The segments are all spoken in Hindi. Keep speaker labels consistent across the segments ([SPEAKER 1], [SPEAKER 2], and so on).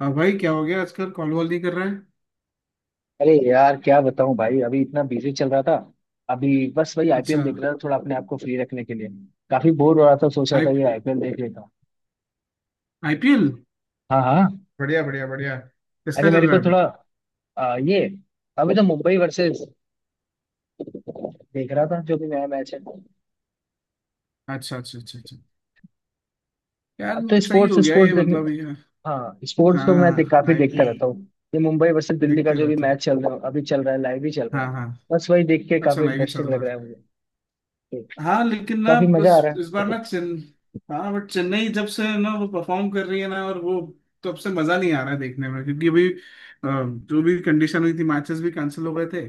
[SPEAKER 1] हाँ भाई, क्या हो गया आजकल? कॉल वॉल नहीं कर रहा है।
[SPEAKER 2] अरे यार, क्या बताऊं भाई। अभी इतना बिजी चल रहा था। अभी बस वही IPL
[SPEAKER 1] अच्छा।
[SPEAKER 2] देख रहा था, थोड़ा अपने आप को फ्री रखने के लिए। काफी बोर हो रहा था, सोच रहा
[SPEAKER 1] आई
[SPEAKER 2] था ये IPL देख लेता हूं।
[SPEAKER 1] आईपीएल
[SPEAKER 2] हाँ हाँ।
[SPEAKER 1] बढ़िया बढ़िया बढ़िया,
[SPEAKER 2] अरे
[SPEAKER 1] किसका चल
[SPEAKER 2] मेरे
[SPEAKER 1] रहा
[SPEAKER 2] को
[SPEAKER 1] है अभी?
[SPEAKER 2] थोड़ा ये अभी तो मुंबई वर्सेस देख रहा था, जो भी नया मैच है।
[SPEAKER 1] अच्छा अच्छा अच्छा अच्छा।
[SPEAKER 2] अब तो
[SPEAKER 1] यार सही
[SPEAKER 2] स्पोर्ट्स
[SPEAKER 1] हो गया
[SPEAKER 2] स्पोर्ट्स
[SPEAKER 1] ये,
[SPEAKER 2] देखने।
[SPEAKER 1] मतलब ये।
[SPEAKER 2] हाँ, स्पोर्ट्स
[SPEAKER 1] हाँ
[SPEAKER 2] तो
[SPEAKER 1] हाँ
[SPEAKER 2] मैं
[SPEAKER 1] हाँ,
[SPEAKER 2] काफी देखता रहता
[SPEAKER 1] आईपीएल
[SPEAKER 2] हूँ। ये मुंबई वर्सेस दिल्ली का
[SPEAKER 1] देखते
[SPEAKER 2] जो भी
[SPEAKER 1] रहते।
[SPEAKER 2] मैच चल रहा है अभी, चल रहा है, लाइव ही चल रहा
[SPEAKER 1] हाँ
[SPEAKER 2] है।
[SPEAKER 1] हाँ।
[SPEAKER 2] बस वही देख के
[SPEAKER 1] अच्छा,
[SPEAKER 2] काफी
[SPEAKER 1] लाइव ही चल
[SPEAKER 2] इंटरेस्टिंग लग
[SPEAKER 1] रहा
[SPEAKER 2] रहा है
[SPEAKER 1] है।
[SPEAKER 2] मुझे।
[SPEAKER 1] हाँ लेकिन ना
[SPEAKER 2] काफी मजा
[SPEAKER 1] बस।
[SPEAKER 2] आ रहा
[SPEAKER 1] इस बार
[SPEAKER 2] है।
[SPEAKER 1] ना चेन। हाँ बट, चेन्नई जब से ना वो परफॉर्म कर रही है ना, और वो, तब से मजा नहीं आ रहा है देखने में। क्योंकि अभी जो भी कंडीशन हुई थी, मैचेस भी कैंसिल हो गए थे।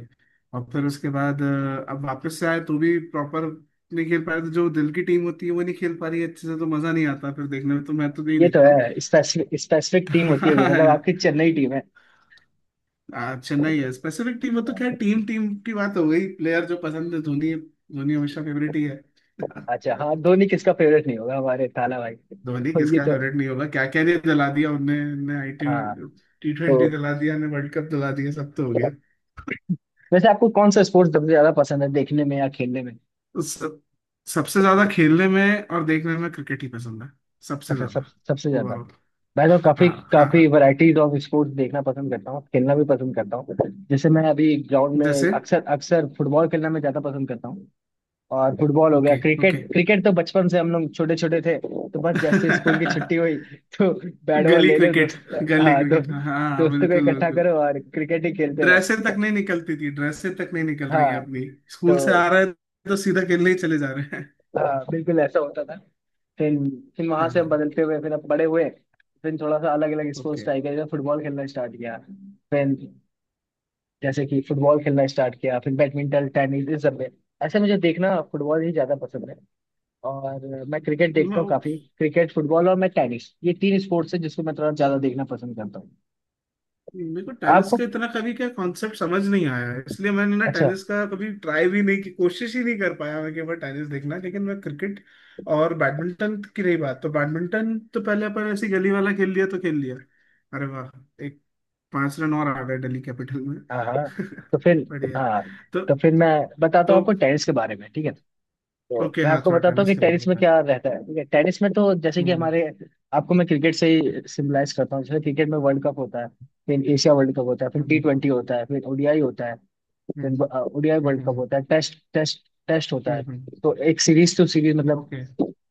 [SPEAKER 1] और फिर उसके बाद अब वापस से आए तो भी प्रॉपर नहीं खेल पा रहे। तो जो दिल की टीम होती है वो नहीं खेल पा रही है अच्छे से, तो मजा नहीं आता फिर देखने में, तो मैं तो नहीं
[SPEAKER 2] ये तो
[SPEAKER 1] देखता हूँ।
[SPEAKER 2] है, स्पेसिफिक स्पेसिफिक टीम होती होगी, मतलब आपकी चेन्नई टीम है।
[SPEAKER 1] चेन्नई है स्पेसिफिक टीम। वो तो खैर, टीम टीम की बात हो गई। प्लेयर जो पसंद है, धोनी, धोनी हमेशा फेवरेट ही है।
[SPEAKER 2] अच्छा, हाँ धोनी किसका फेवरेट नहीं होगा, हमारे थाला भाई
[SPEAKER 1] धोनी
[SPEAKER 2] तो ये
[SPEAKER 1] किसका
[SPEAKER 2] तो।
[SPEAKER 1] फेवरेट नहीं होगा? क्या क्या नहीं दिला दिया उनने। ने आई टी,
[SPEAKER 2] हाँ।
[SPEAKER 1] टी
[SPEAKER 2] तो
[SPEAKER 1] ट्वेंटी दिला दिया, ने वर्ल्ड कप दिला दिया, सब तो हो गया।
[SPEAKER 2] वैसे आपको कौन सा स्पोर्ट्स सबसे ज्यादा पसंद है, देखने में या खेलने में?
[SPEAKER 1] उस सब, सबसे ज्यादा खेलने में और देखने में क्रिकेट ही पसंद है। सबसे
[SPEAKER 2] अच्छा, सब
[SPEAKER 1] ज्यादा
[SPEAKER 2] सबसे ज्यादा।
[SPEAKER 1] ओवरऑल।
[SPEAKER 2] मैं तो काफी
[SPEAKER 1] हाँ हाँ
[SPEAKER 2] काफी
[SPEAKER 1] हाँ।
[SPEAKER 2] वैरायटीज ऑफ स्पोर्ट्स देखना पसंद करता हूँ, खेलना भी पसंद करता हूँ। जैसे मैं अभी ग्राउंड में
[SPEAKER 1] जैसे।
[SPEAKER 2] अक्सर अक्सर फुटबॉल खेलना में ज्यादा पसंद करता हूँ। और फुटबॉल हो गया,
[SPEAKER 1] ओके
[SPEAKER 2] क्रिकेट।
[SPEAKER 1] ओके।
[SPEAKER 2] क्रिकेट तो बचपन से, हम लोग छोटे छोटे थे तो बस, जैसे स्कूल की छुट्टी हुई तो बैट बॉल
[SPEAKER 1] गली
[SPEAKER 2] ले लो
[SPEAKER 1] क्रिकेट,
[SPEAKER 2] दोस्त।
[SPEAKER 1] गली
[SPEAKER 2] हाँ,
[SPEAKER 1] क्रिकेट, हाँ हाँ,
[SPEAKER 2] दोस्तों को
[SPEAKER 1] बिल्कुल
[SPEAKER 2] इकट्ठा
[SPEAKER 1] बिल्कुल।
[SPEAKER 2] करो और क्रिकेट ही खेलते रहो।
[SPEAKER 1] ड्रेसें तक नहीं निकलती थी, ड्रेसें तक नहीं निकल रही है
[SPEAKER 2] हाँ।
[SPEAKER 1] अपनी। स्कूल से
[SPEAKER 2] तो
[SPEAKER 1] आ रहे हैं, तो सीधा खेलने ही चले जा रहे हैं।
[SPEAKER 2] बिल्कुल ऐसा होता था। फिर फिर वहां
[SPEAKER 1] हाँ
[SPEAKER 2] से हम
[SPEAKER 1] हाँ।
[SPEAKER 2] बदलते हुए फिर अब बड़े हुए। फिर थोड़ा सा अलग अलग स्पोर्ट्स
[SPEAKER 1] ओके।
[SPEAKER 2] ट्राई किया, जैसे फुटबॉल खेलना स्टार्ट किया। फिर, जैसे कि फुटबॉल खेलना स्टार्ट किया, फिर बैडमिंटन, टेनिस इस सब में। ऐसे मुझे देखना फुटबॉल ही ज्यादा पसंद है। और मैं क्रिकेट देखता हूँ काफी। क्रिकेट, फुटबॉल और मैं टेनिस, ये तीन स्पोर्ट्स है जिसको मैं थोड़ा ज्यादा देखना पसंद करता हूँ।
[SPEAKER 1] मेरे को टेनिस
[SPEAKER 2] आपको,
[SPEAKER 1] का इतना कभी क्या कॉन्सेप्ट समझ नहीं आया है, इसलिए मैंने ना
[SPEAKER 2] अच्छा।
[SPEAKER 1] टेनिस का कभी ट्राई भी नहीं की, कोशिश ही नहीं कर पाया मैं कि मैं टेनिस देखना, लेकिन मैं क्रिकेट। और बैडमिंटन की रही बात, तो बैडमिंटन तो पहले अपन ऐसी गली वाला खेल लिया तो खेल लिया। अरे वाह! एक पांच रन और आ गए दिल्ली कैपिटल में।
[SPEAKER 2] हाँ हाँ। तो फिर।
[SPEAKER 1] बढ़िया।
[SPEAKER 2] हाँ,
[SPEAKER 1] तो
[SPEAKER 2] तो फिर मैं बताता हूँ आपको
[SPEAKER 1] तो
[SPEAKER 2] टेनिस के बारे में, ठीक है। तो
[SPEAKER 1] ओके
[SPEAKER 2] मैं
[SPEAKER 1] हाँ,
[SPEAKER 2] आपको
[SPEAKER 1] थोड़ा
[SPEAKER 2] बताता हूँ
[SPEAKER 1] टेनिस
[SPEAKER 2] कि
[SPEAKER 1] के बारे में
[SPEAKER 2] टेनिस में
[SPEAKER 1] बता।
[SPEAKER 2] क्या रहता है, ठीक है। टेनिस में तो जैसे कि
[SPEAKER 1] हम्म।
[SPEAKER 2] हमारे, आपको मैं क्रिकेट से ही सिम्बलाइज करता हूँ। जैसे क्रिकेट में वर्ल्ड कप होता है, फिर एशिया वर्ल्ड कप होता है, फिर टी
[SPEAKER 1] हम्म।
[SPEAKER 2] ट्वेंटी होता है, फिर ODI होता है, फिर
[SPEAKER 1] हम्म।
[SPEAKER 2] ओडीआई वर्ल्ड कप
[SPEAKER 1] हम्म।
[SPEAKER 2] होता है, टेस्ट टेस्ट टेस्ट होता है।
[SPEAKER 1] हम्म।
[SPEAKER 2] तो एक सीरीज टू सीरीज, मतलब
[SPEAKER 1] ओके।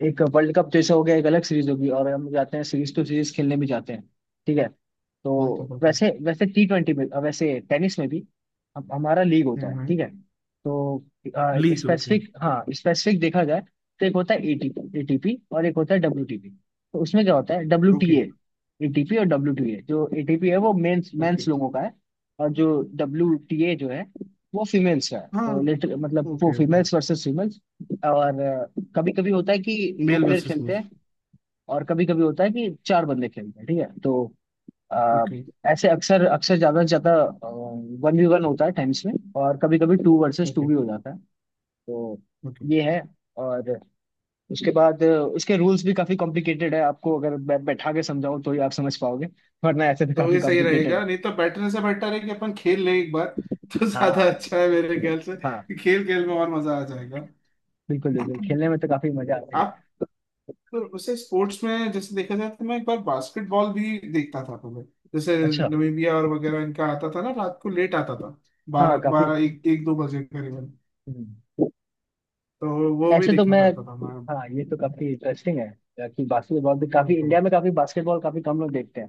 [SPEAKER 2] एक वर्ल्ड कप जैसे हो गया, एक अलग सीरीज होगी और हम जाते हैं सीरीज टू सीरीज खेलने भी जाते हैं, ठीक है। तो
[SPEAKER 1] बिल्कुल बिल्कुल।
[SPEAKER 2] वैसे वैसे T20 में, वैसे टेनिस में भी हमारा लीग होता है,
[SPEAKER 1] हम्म।
[SPEAKER 2] ठीक है। तो
[SPEAKER 1] लीग ओके।
[SPEAKER 2] स्पेसिफिक, हाँ स्पेसिफिक देखा जाए तो एक होता है एटीपी एटीपी और एक होता है WTP। तो उसमें क्या होता है
[SPEAKER 1] ओके
[SPEAKER 2] WTA, ATP और WTA। जो ATP है वो मेंस
[SPEAKER 1] ओके।
[SPEAKER 2] मेंस लोगों का है। और जो WTA जो है, वो फीमेल्स का है।
[SPEAKER 1] हाँ।
[SPEAKER 2] तो लिटर मतलब वो
[SPEAKER 1] okay okay.
[SPEAKER 2] Females versus females. और कभी कभी होता है कि दो
[SPEAKER 1] मेल
[SPEAKER 2] प्लेयर
[SPEAKER 1] वर्सेस
[SPEAKER 2] खेलते
[SPEAKER 1] मेल।
[SPEAKER 2] हैं, और कभी कभी होता है कि 4 बंदे खेलते हैं, ठीक है। तो अ,
[SPEAKER 1] ओके
[SPEAKER 2] ऐसे अक्सर अक्सर ज्यादा से ज्यादा 1v1 होता है टाइम्स में, और कभी कभी 2 vs 2
[SPEAKER 1] ओके
[SPEAKER 2] भी हो जाता है। तो
[SPEAKER 1] ओके।
[SPEAKER 2] ये है। और उसके बाद इसके रूल्स भी काफी कॉम्प्लिकेटेड है। आपको अगर बैठा के समझाऊं तो ही आप समझ पाओगे, वरना ऐसे तो
[SPEAKER 1] तो
[SPEAKER 2] काफी
[SPEAKER 1] ये सही
[SPEAKER 2] कॉम्प्लिकेटेड
[SPEAKER 1] रहेगा,
[SPEAKER 2] है।
[SPEAKER 1] नहीं तो बैठने से बेटर है कि अपन खेल लें एक बार। तो ज्यादा
[SPEAKER 2] हाँ
[SPEAKER 1] अच्छा है मेरे ख्याल से।
[SPEAKER 2] हाँ,
[SPEAKER 1] खेल खेल में और मजा आ जाएगा।
[SPEAKER 2] बिल्कुल बिल्कुल, खेलने में तो काफी मजा आता है।
[SPEAKER 1] आप। तो उसे स्पोर्ट्स में जैसे देखा जाए, तो मैं एक बार बास्केटबॉल भी देखता था पहले। जैसे
[SPEAKER 2] अच्छा,
[SPEAKER 1] नमीबिया और वगैरह इनका आता था ना, रात को लेट आता था।
[SPEAKER 2] हाँ
[SPEAKER 1] बारह
[SPEAKER 2] काफी।
[SPEAKER 1] बारह, एक एक, दो बजे करीबन।
[SPEAKER 2] हम्म।
[SPEAKER 1] तो वो भी
[SPEAKER 2] ऐसे तो
[SPEAKER 1] देखा
[SPEAKER 2] मैं,
[SPEAKER 1] करता था मैं।
[SPEAKER 2] हाँ ये तो काफी इंटरेस्टिंग है कि बास्केटबॉल भी, काफी
[SPEAKER 1] बिल्कुल।
[SPEAKER 2] इंडिया में काफी बास्केटबॉल काफी कम लोग देखते हैं।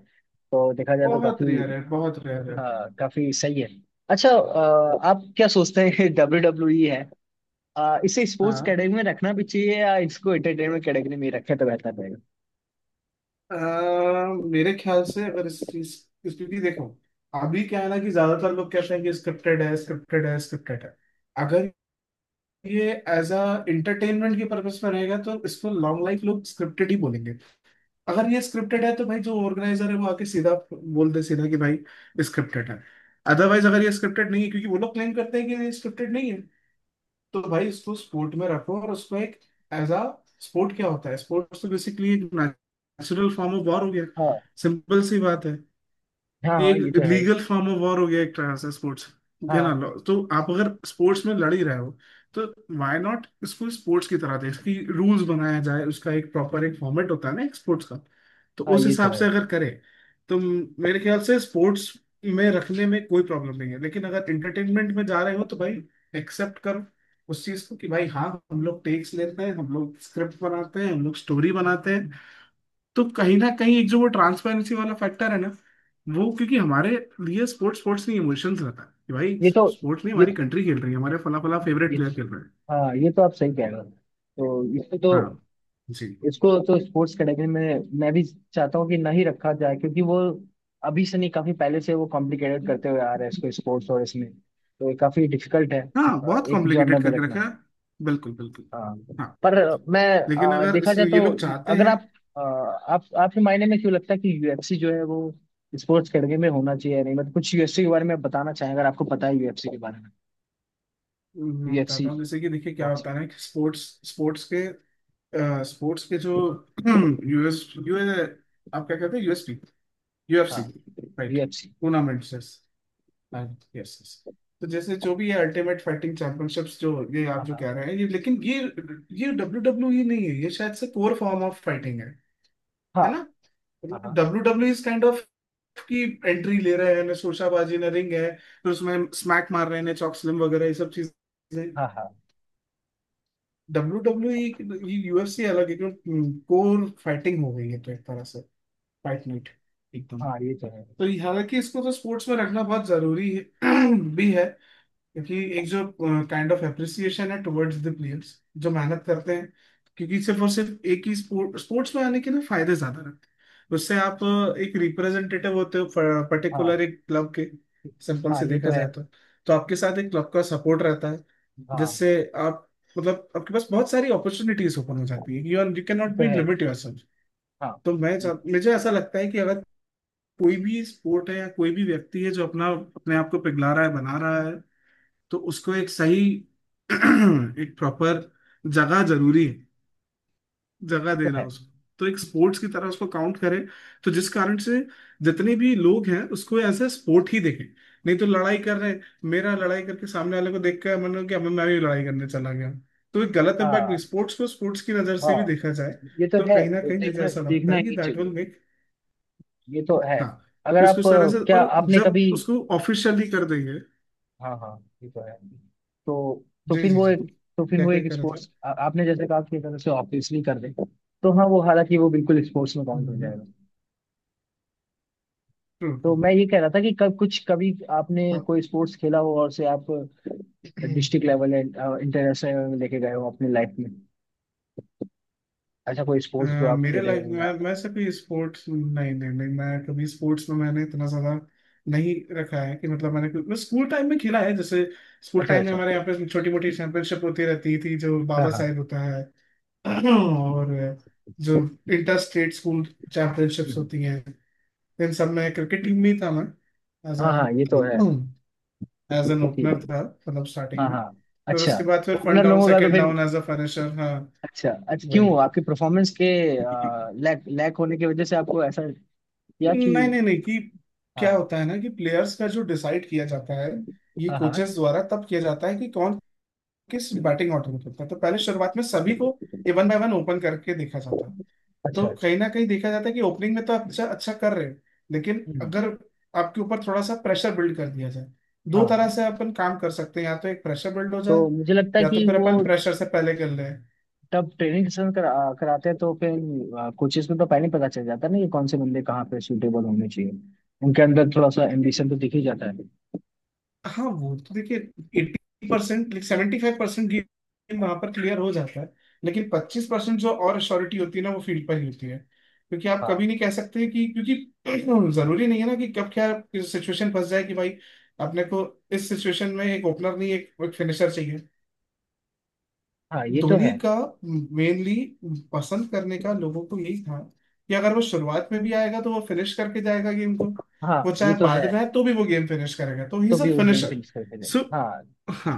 [SPEAKER 2] तो देखा जाए तो
[SPEAKER 1] बहुत
[SPEAKER 2] काफी।
[SPEAKER 1] रेयर है, बहुत रेयर है।
[SPEAKER 2] हाँ, काफी सही है। अच्छा, आप क्या सोचते हैं WWE है, इसे स्पोर्ट्स
[SPEAKER 1] हाँ।
[SPEAKER 2] कैटेगरी में रखना भी चाहिए या इसको एंटरटेनमेंट कैटेगरी में ही रखें तो बेहतर रहेगा?
[SPEAKER 1] अ, मेरे ख्याल से अगर इस चीज, क्योंकि देखो। अभी क्या है ना कि ज्यादातर लोग कहते हैं कि स्क्रिप्टेड है, स्क्रिप्टेड है, स्क्रिप्टेड है। अगर ये एज अ इंटरटेनमेंट के पर्पस में रहेगा, तो इसको लॉन्ग लाइफ लोग स्क्रिप्टेड ही बोलेंगे। अगर ये स्क्रिप्टेड है, तो भाई जो ऑर्गेनाइजर है वो आके सीधा बोल दे सीधा कि भाई स्क्रिप्टेड है। अदरवाइज, अगर ये स्क्रिप्टेड नहीं है, क्योंकि वो लोग क्लेम करते हैं कि ये स्क्रिप्टेड नहीं है। तो भाई उसको स्पोर्ट में रखो, और उसको एक एज अ स्पोर्ट। क्या होता है स्पोर्ट्स? तो बेसिकली एक नेचुरल फॉर्म ऑफ वॉर हो गया।
[SPEAKER 2] हाँ।
[SPEAKER 1] सिंपल सी बात है।
[SPEAKER 2] हाँ
[SPEAKER 1] ये
[SPEAKER 2] हाँ, ये
[SPEAKER 1] एक
[SPEAKER 2] तो है ही।
[SPEAKER 1] लीगल फॉर्म ऑफ वॉर हो गया एक तरह से स्पोर्ट्स। है ना?
[SPEAKER 2] हाँ
[SPEAKER 1] तो आप अगर स्पोर्ट्स में लड़ ही रहे हो। तो व्हाई नॉट इसको स्पोर्ट्स की तरह दें, इसकी रूल्स बनाया जाए, उसका एक प्रॉपर एक फॉर्मेट होता है ना एक स्पोर्ट्स का। तो
[SPEAKER 2] हाँ,
[SPEAKER 1] उस
[SPEAKER 2] ये तो
[SPEAKER 1] हिसाब
[SPEAKER 2] है।
[SPEAKER 1] से अगर करें, तो मेरे ख्याल से स्पोर्ट्स में रखने में कोई प्रॉब्लम नहीं है। लेकिन अगर एंटरटेनमेंट में जा रहे हो, तो भाई एक्सेप्ट करो उस चीज को कि भाई हाँ, हम लोग टेक्स लेते हैं, हम लोग स्क्रिप्ट बनाते हैं, हम लोग स्टोरी बनाते हैं। तो कहीं ना कहीं एक जो वो ट्रांसपेरेंसी वाला फैक्टर है ना वो, क्योंकि हमारे लिए स्पोर्ट्स, स्पोर्ट्स नहीं इमोशंस रहता है कि भाई
[SPEAKER 2] ये तो
[SPEAKER 1] स्पोर्ट्स नहीं,
[SPEAKER 2] ये
[SPEAKER 1] हमारी कंट्री खेल रही है, हमारे फला फला फेवरेट
[SPEAKER 2] ये
[SPEAKER 1] प्लेयर खेल रहे हैं।
[SPEAKER 2] हाँ, ये तो आप सही कह रहे हो। तो
[SPEAKER 1] हाँ जी।
[SPEAKER 2] इसको तो स्पोर्ट्स कैटेगरी में मैं भी चाहता हूँ कि ना ही रखा जाए, क्योंकि वो अभी से नहीं, काफी पहले से वो कॉम्प्लिकेटेड करते हुए आ रहे हैं। इसको स्पोर्ट्स, और इसमें तो ये काफी डिफिकल्ट है
[SPEAKER 1] हाँ बहुत
[SPEAKER 2] एक जॉनर
[SPEAKER 1] कॉम्प्लिकेटेड
[SPEAKER 2] में
[SPEAKER 1] करके रखा
[SPEAKER 2] रखना।
[SPEAKER 1] है। बिल्कुल बिल्कुल।
[SPEAKER 2] हाँ।
[SPEAKER 1] हाँ
[SPEAKER 2] पर मैं
[SPEAKER 1] लेकिन अगर
[SPEAKER 2] देखा
[SPEAKER 1] इस
[SPEAKER 2] जाए तो,
[SPEAKER 1] ये लोग चाहते
[SPEAKER 2] अगर
[SPEAKER 1] हैं।
[SPEAKER 2] आप, आप आपके मायने में क्यों लगता है कि UFC जो है वो स्पोर्ट्स कैटेगरी में होना चाहिए या नहीं, मतलब कुछ UFC के बारे में आप बताना चाहें अगर आपको पता है UFC के बारे में।
[SPEAKER 1] मैं
[SPEAKER 2] UFC,
[SPEAKER 1] बताता हूँ, जैसे कि देखिए क्या होता
[SPEAKER 2] बॉक्सिंग।
[SPEAKER 1] है ना कि स्पोर्ट्स स्पोर्ट्स के स्पोर्ट्स के जो यूएस यूएस आप क्या कहते हैं, यूएसपी,
[SPEAKER 2] हाँ,
[SPEAKER 1] UFC right.
[SPEAKER 2] UFC.
[SPEAKER 1] Tournaments. Yes yes. तो जैसे जो भी ये अल्टीमेट फाइटिंग चैंपियनशिप्स जो ये, आप
[SPEAKER 2] हाँ
[SPEAKER 1] जो
[SPEAKER 2] हाँ
[SPEAKER 1] कह रहे हैं ये, लेकिन ये डब्ल्यू डब्ल्यू ई नहीं है, ये शायद से कोर फॉर्म ऑफ फाइटिंग है।
[SPEAKER 2] हाँ।
[SPEAKER 1] है ना? मतलब
[SPEAKER 2] हाँ
[SPEAKER 1] W W is kind of की एंट्री ले रहे हैं ना, शोशाबाजी, ना रिंग है फिर उसमें स्मैक मार रहे हैं ना, चॉक स्लिम वगैरह ये सब चीजें।
[SPEAKER 2] हाँ हाँ।
[SPEAKER 1] डब्ल्यू डब्ल्यू ये, यूएफसी अलग है क्यों? कोर फाइटिंग हो गई है, तो एक तरह से फाइट नाइट एकदम।
[SPEAKER 2] हाँ हाँ, ये तो है।
[SPEAKER 1] हालांकि इसको तो स्पोर्ट्स में रखना बहुत जरूरी है। भी है। क्योंकि एक जो काइंड ऑफ एप्रिसिएशन है टुवर्ड्स द प्लेयर्स जो मेहनत करते हैं। क्योंकि सिर्फ और सिर्फ एक ही स्पोर्ट, स्पोर्ट्स में आने के ना फायदे ज्यादा रहते हैं, उससे आप एक रिप्रेजेंटेटिव होते हो
[SPEAKER 2] हाँ
[SPEAKER 1] पर्टिकुलर एक क्लब के। सिंपल
[SPEAKER 2] हाँ,
[SPEAKER 1] से
[SPEAKER 2] ये
[SPEAKER 1] देखा
[SPEAKER 2] तो है।
[SPEAKER 1] जाए तो, आपके साथ एक क्लब का सपोर्ट रहता है।
[SPEAKER 2] हाँ,
[SPEAKER 1] जिससे आप, मतलब आपके पास बहुत सारी अपॉर्चुनिटीज ओपन हो जाती है। You are, you can not
[SPEAKER 2] ये तो
[SPEAKER 1] बी
[SPEAKER 2] है।
[SPEAKER 1] Limit yourself.
[SPEAKER 2] हाँ,
[SPEAKER 1] तो
[SPEAKER 2] ये तो
[SPEAKER 1] मुझे ऐसा लगता है कि अगर कोई भी स्पोर्ट है या कोई भी व्यक्ति है जो अपना अपने आप को पिघला रहा है, बना रहा है। तो उसको एक सही एक प्रॉपर जगह जरूरी है, जगह देना
[SPEAKER 2] है।
[SPEAKER 1] उसको। तो एक स्पोर्ट्स की तरह उसको काउंट करें, तो जिस कारण से जितने भी लोग हैं उसको एज ए स्पोर्ट ही देखें। नहीं तो लड़ाई कर रहे हैं, मेरा लड़ाई करके सामने वाले को देख कर मन हो कि अब मैं भी लड़ाई करने चला गया। तो एक गलत इम्पैक्ट नहीं,
[SPEAKER 2] हाँ
[SPEAKER 1] स्पोर्ट्स को स्पोर्ट्स की नज़र
[SPEAKER 2] हाँ,
[SPEAKER 1] से भी देखा जाए।
[SPEAKER 2] ये तो
[SPEAKER 1] तो
[SPEAKER 2] है।
[SPEAKER 1] कहीं ना कहीं मुझे
[SPEAKER 2] देखना
[SPEAKER 1] ऐसा लगता
[SPEAKER 2] देखना
[SPEAKER 1] है कि
[SPEAKER 2] ही
[SPEAKER 1] दैट विल
[SPEAKER 2] चाहिए।
[SPEAKER 1] मेक।
[SPEAKER 2] ये तो है।
[SPEAKER 1] हाँ,
[SPEAKER 2] अगर
[SPEAKER 1] कि उसको
[SPEAKER 2] आप
[SPEAKER 1] इस तरह से,
[SPEAKER 2] क्या
[SPEAKER 1] और
[SPEAKER 2] आपने
[SPEAKER 1] जब
[SPEAKER 2] कभी।
[SPEAKER 1] उसको ऑफिशियली कर देंगे।
[SPEAKER 2] हाँ हाँ, ये तो है। तो
[SPEAKER 1] जी
[SPEAKER 2] फिर
[SPEAKER 1] जी
[SPEAKER 2] वो
[SPEAKER 1] जी,
[SPEAKER 2] एक, तो फिर
[SPEAKER 1] क्या
[SPEAKER 2] वो
[SPEAKER 1] क्या
[SPEAKER 2] एक
[SPEAKER 1] कह रहा था?
[SPEAKER 2] स्पोर्ट्स, आपने जैसे कहा कि अगर उसे ऑब्वियसली कर दे तो हाँ वो, हालांकि वो बिल्कुल स्पोर्ट्स में काउंट हो जाएगा।
[SPEAKER 1] ट्रू।
[SPEAKER 2] तो मैं ये कह रहा था कि कब कुछ कभी आपने
[SPEAKER 1] अब
[SPEAKER 2] कोई स्पोर्ट्स खेला हो और उसे आप डिस्ट्रिक्ट लेवल एंड इंटरनेशनल में लेके गए हो अपनी लाइफ में, ऐसा कोई
[SPEAKER 1] अ,
[SPEAKER 2] स्पोर्ट्स जो आप
[SPEAKER 1] मेरे
[SPEAKER 2] खेले
[SPEAKER 1] लाइफ
[SPEAKER 2] हो
[SPEAKER 1] में, मैं,
[SPEAKER 2] या-
[SPEAKER 1] मैं सिर्फ ये स्पोर्ट्स, नहीं नहीं नहीं, मैं कभी स्पोर्ट्स में मैंने इतना ज्यादा नहीं रखा है। कि मतलब, मैं स्कूल टाइम में खेला है जैसे, स्कूल
[SPEAKER 2] अच्छा
[SPEAKER 1] टाइम में
[SPEAKER 2] अच्छा।
[SPEAKER 1] हमारे यहाँ पे छोटी मोटी चैंपियनशिप होती रहती थी जो
[SPEAKER 2] हाँ
[SPEAKER 1] बाबा
[SPEAKER 2] हाँ।
[SPEAKER 1] साहेब होता है। और जो इंटर स्टेट स्कूल चैंपियनशिप्स
[SPEAKER 2] हम्म,
[SPEAKER 1] होती हैं, इन सब में क्रिकेट टीम में ही था मैं, एज
[SPEAKER 2] हाँ हाँ, ये
[SPEAKER 1] अ
[SPEAKER 2] तो है।
[SPEAKER 1] एज एन
[SPEAKER 2] ठीक है।
[SPEAKER 1] ओपनर था, मतलब स्टार्टिंग
[SPEAKER 2] हाँ
[SPEAKER 1] में।
[SPEAKER 2] हाँ।
[SPEAKER 1] फिर
[SPEAKER 2] अच्छा।
[SPEAKER 1] उसके बाद फिर फन
[SPEAKER 2] ओपनर
[SPEAKER 1] डाउन,
[SPEAKER 2] लोगों का तो
[SPEAKER 1] सेकेंड
[SPEAKER 2] फिर,
[SPEAKER 1] डाउन, एज अ फिनिशर। हाँ।
[SPEAKER 2] अच्छा अच्छा, क्यों आपकी परफॉर्मेंस के
[SPEAKER 1] वही।
[SPEAKER 2] लैक लैक होने की वजह से आपको ऐसा, या कि।
[SPEAKER 1] नहीं नहीं नहीं कि, क्या
[SPEAKER 2] हाँ।
[SPEAKER 1] होता है ना कि प्लेयर्स का जो डिसाइड किया जाता है। ये
[SPEAKER 2] हाँ हाँ।
[SPEAKER 1] कोचेस द्वारा तब किया जाता है कि कौन किस बैटिंग ऑर्डर में खेलता है, तो पहले शुरुआत में सभी को ए वन बाय वन ओपन करके देखा जाता है।
[SPEAKER 2] अच्छा
[SPEAKER 1] तो
[SPEAKER 2] अच्छा।
[SPEAKER 1] कहीं ना कहीं देखा जाता है कि ओपनिंग में तो आप अच्छा अच्छा कर रहे हो, लेकिन
[SPEAKER 2] हम्म,
[SPEAKER 1] अगर आपके ऊपर थोड़ा सा प्रेशर बिल्ड कर दिया जाए,
[SPEAKER 2] हाँ
[SPEAKER 1] दो तरह
[SPEAKER 2] हाँ।
[SPEAKER 1] से अपन काम कर सकते हैं, या तो एक प्रेशर बिल्ड हो जाए,
[SPEAKER 2] तो मुझे लगता है
[SPEAKER 1] या
[SPEAKER 2] कि
[SPEAKER 1] तो फिर
[SPEAKER 2] वो
[SPEAKER 1] अपन प्रेशर से पहले कर
[SPEAKER 2] तब ट्रेनिंग सेशन कराते हैं तो फिर कोचेस में तो पहले ही पता चल जाता है ना कि कौन से बंदे कहाँ पे सूटेबल होने चाहिए। उनके अंदर थोड़ा सा
[SPEAKER 1] लें।
[SPEAKER 2] एम्बिशन तो दिख ही जाता है।
[SPEAKER 1] हाँ वो तो देखिए, 80% लाइक 75% गेम वहां पर क्लियर हो जाता है। लेकिन 25% जो और श्योरिटी होती है ना, वो फील्ड पर ही होती है। क्योंकि आप
[SPEAKER 2] हाँ
[SPEAKER 1] कभी नहीं कह सकते कि, क्योंकि जरूरी नहीं है ना कि कब क्या सिचुएशन फंस जाए कि भाई अपने को इस सिचुएशन में एक ओपनर नहीं, एक फिनिशर चाहिए।
[SPEAKER 2] हाँ, ये तो
[SPEAKER 1] धोनी
[SPEAKER 2] है।
[SPEAKER 1] का मेनली पसंद करने का लोगों को यही था, कि अगर वो शुरुआत में भी आएगा तो वो फिनिश करके जाएगा गेम को।
[SPEAKER 2] हाँ,
[SPEAKER 1] वो
[SPEAKER 2] ये
[SPEAKER 1] चाहे
[SPEAKER 2] तो है।
[SPEAKER 1] बाद में आए तो भी वो गेम फिनिश करेगा, तो ही
[SPEAKER 2] तो
[SPEAKER 1] इज अ
[SPEAKER 2] भी वो गेम
[SPEAKER 1] फिनिशर।
[SPEAKER 2] फिनिश करके जाएगा। हाँ,
[SPEAKER 1] हाँ।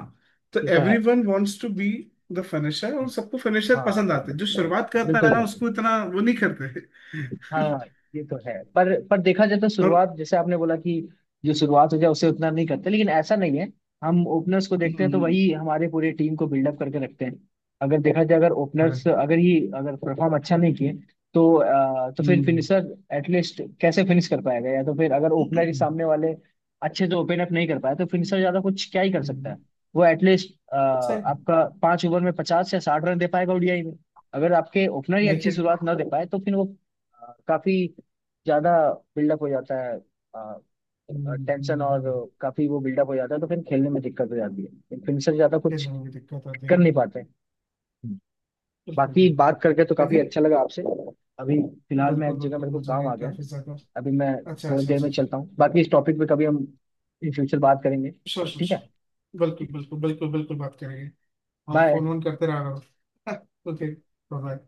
[SPEAKER 1] तो
[SPEAKER 2] ये तो है।
[SPEAKER 1] Everyone wants to be the finisher, और सबको फिनिशर
[SPEAKER 2] हाँ,
[SPEAKER 1] पसंद आते हैं, जो शुरुआत
[SPEAKER 2] बिल्कुल
[SPEAKER 1] करता है ना
[SPEAKER 2] बिल्कुल।
[SPEAKER 1] उसको इतना वो नहीं करते।
[SPEAKER 2] हाँ, ये तो है। पर देखा जाए तो
[SPEAKER 1] और।
[SPEAKER 2] शुरुआत, जैसे आपने बोला कि जो शुरुआत हो जाए उसे उतना नहीं करते, लेकिन ऐसा नहीं है। हम ओपनर्स को देखते हैं तो
[SPEAKER 1] हम्म,
[SPEAKER 2] वही हमारे पूरे टीम को बिल्डअप करके रखते हैं। अगर देखा जाए, अगर
[SPEAKER 1] अरे,
[SPEAKER 2] ओपनर्स अगर ही अगर परफॉर्म अच्छा नहीं किए तो तो फिर
[SPEAKER 1] हम्म,
[SPEAKER 2] फिनिशर एटलीस्ट कैसे फिनिश कर पाएगा? या तो फिर अगर ओपनर ही सामने वाले अच्छे से ओपन अप नहीं कर पाए तो फिनिशर ज्यादा कुछ क्या ही कर सकता
[SPEAKER 1] हम्म,
[SPEAKER 2] है। वो एटलीस्ट
[SPEAKER 1] सही है।
[SPEAKER 2] आपका 5 ओवर में 50 या 60 रन दे पाएगा ODI में। अगर आपके ओपनर ही अच्छी
[SPEAKER 1] देखिए।
[SPEAKER 2] शुरुआत ना दे पाए तो फिर वो काफी ज्यादा बिल्डअप हो जाता है,
[SPEAKER 1] हम्म,
[SPEAKER 2] टेंशन।
[SPEAKER 1] हम्म,
[SPEAKER 2] और
[SPEAKER 1] हम्म,
[SPEAKER 2] काफी वो बिल्डअप हो जाता है तो फिर खेलने में दिक्कत हो जाती है, फिर से ज्यादा
[SPEAKER 1] किस
[SPEAKER 2] कुछ
[SPEAKER 1] तरह की दिक्कत आती है?
[SPEAKER 2] कर नहीं पाते हैं। हम्म।
[SPEAKER 1] बिल्कुल
[SPEAKER 2] बाकी
[SPEAKER 1] बिल्कुल।
[SPEAKER 2] बात करके तो काफी
[SPEAKER 1] लेकिन
[SPEAKER 2] अच्छा लगा आपसे। अभी फिलहाल मैं, एक
[SPEAKER 1] बिल्कुल
[SPEAKER 2] जगह
[SPEAKER 1] बिल्कुल,
[SPEAKER 2] मेरे को
[SPEAKER 1] मुझे
[SPEAKER 2] काम
[SPEAKER 1] भी
[SPEAKER 2] आ गया है।
[SPEAKER 1] काफी ज्यादा।
[SPEAKER 2] अभी मैं
[SPEAKER 1] अच्छा
[SPEAKER 2] थोड़ी
[SPEAKER 1] अच्छा
[SPEAKER 2] देर
[SPEAKER 1] अच्छा
[SPEAKER 2] में
[SPEAKER 1] अच्छा।
[SPEAKER 2] चलता हूँ। बाकी इस टॉपिक पे कभी हम इन फ्यूचर बात करेंगे।
[SPEAKER 1] श्योर श्योर
[SPEAKER 2] ठीक है,
[SPEAKER 1] श्योर। बिल्कुल बिल्कुल बिल्कुल बिल्कुल बात करेंगे। और
[SPEAKER 2] बाय।
[SPEAKER 1] फोन वोन करते रहा करो। Okay bye.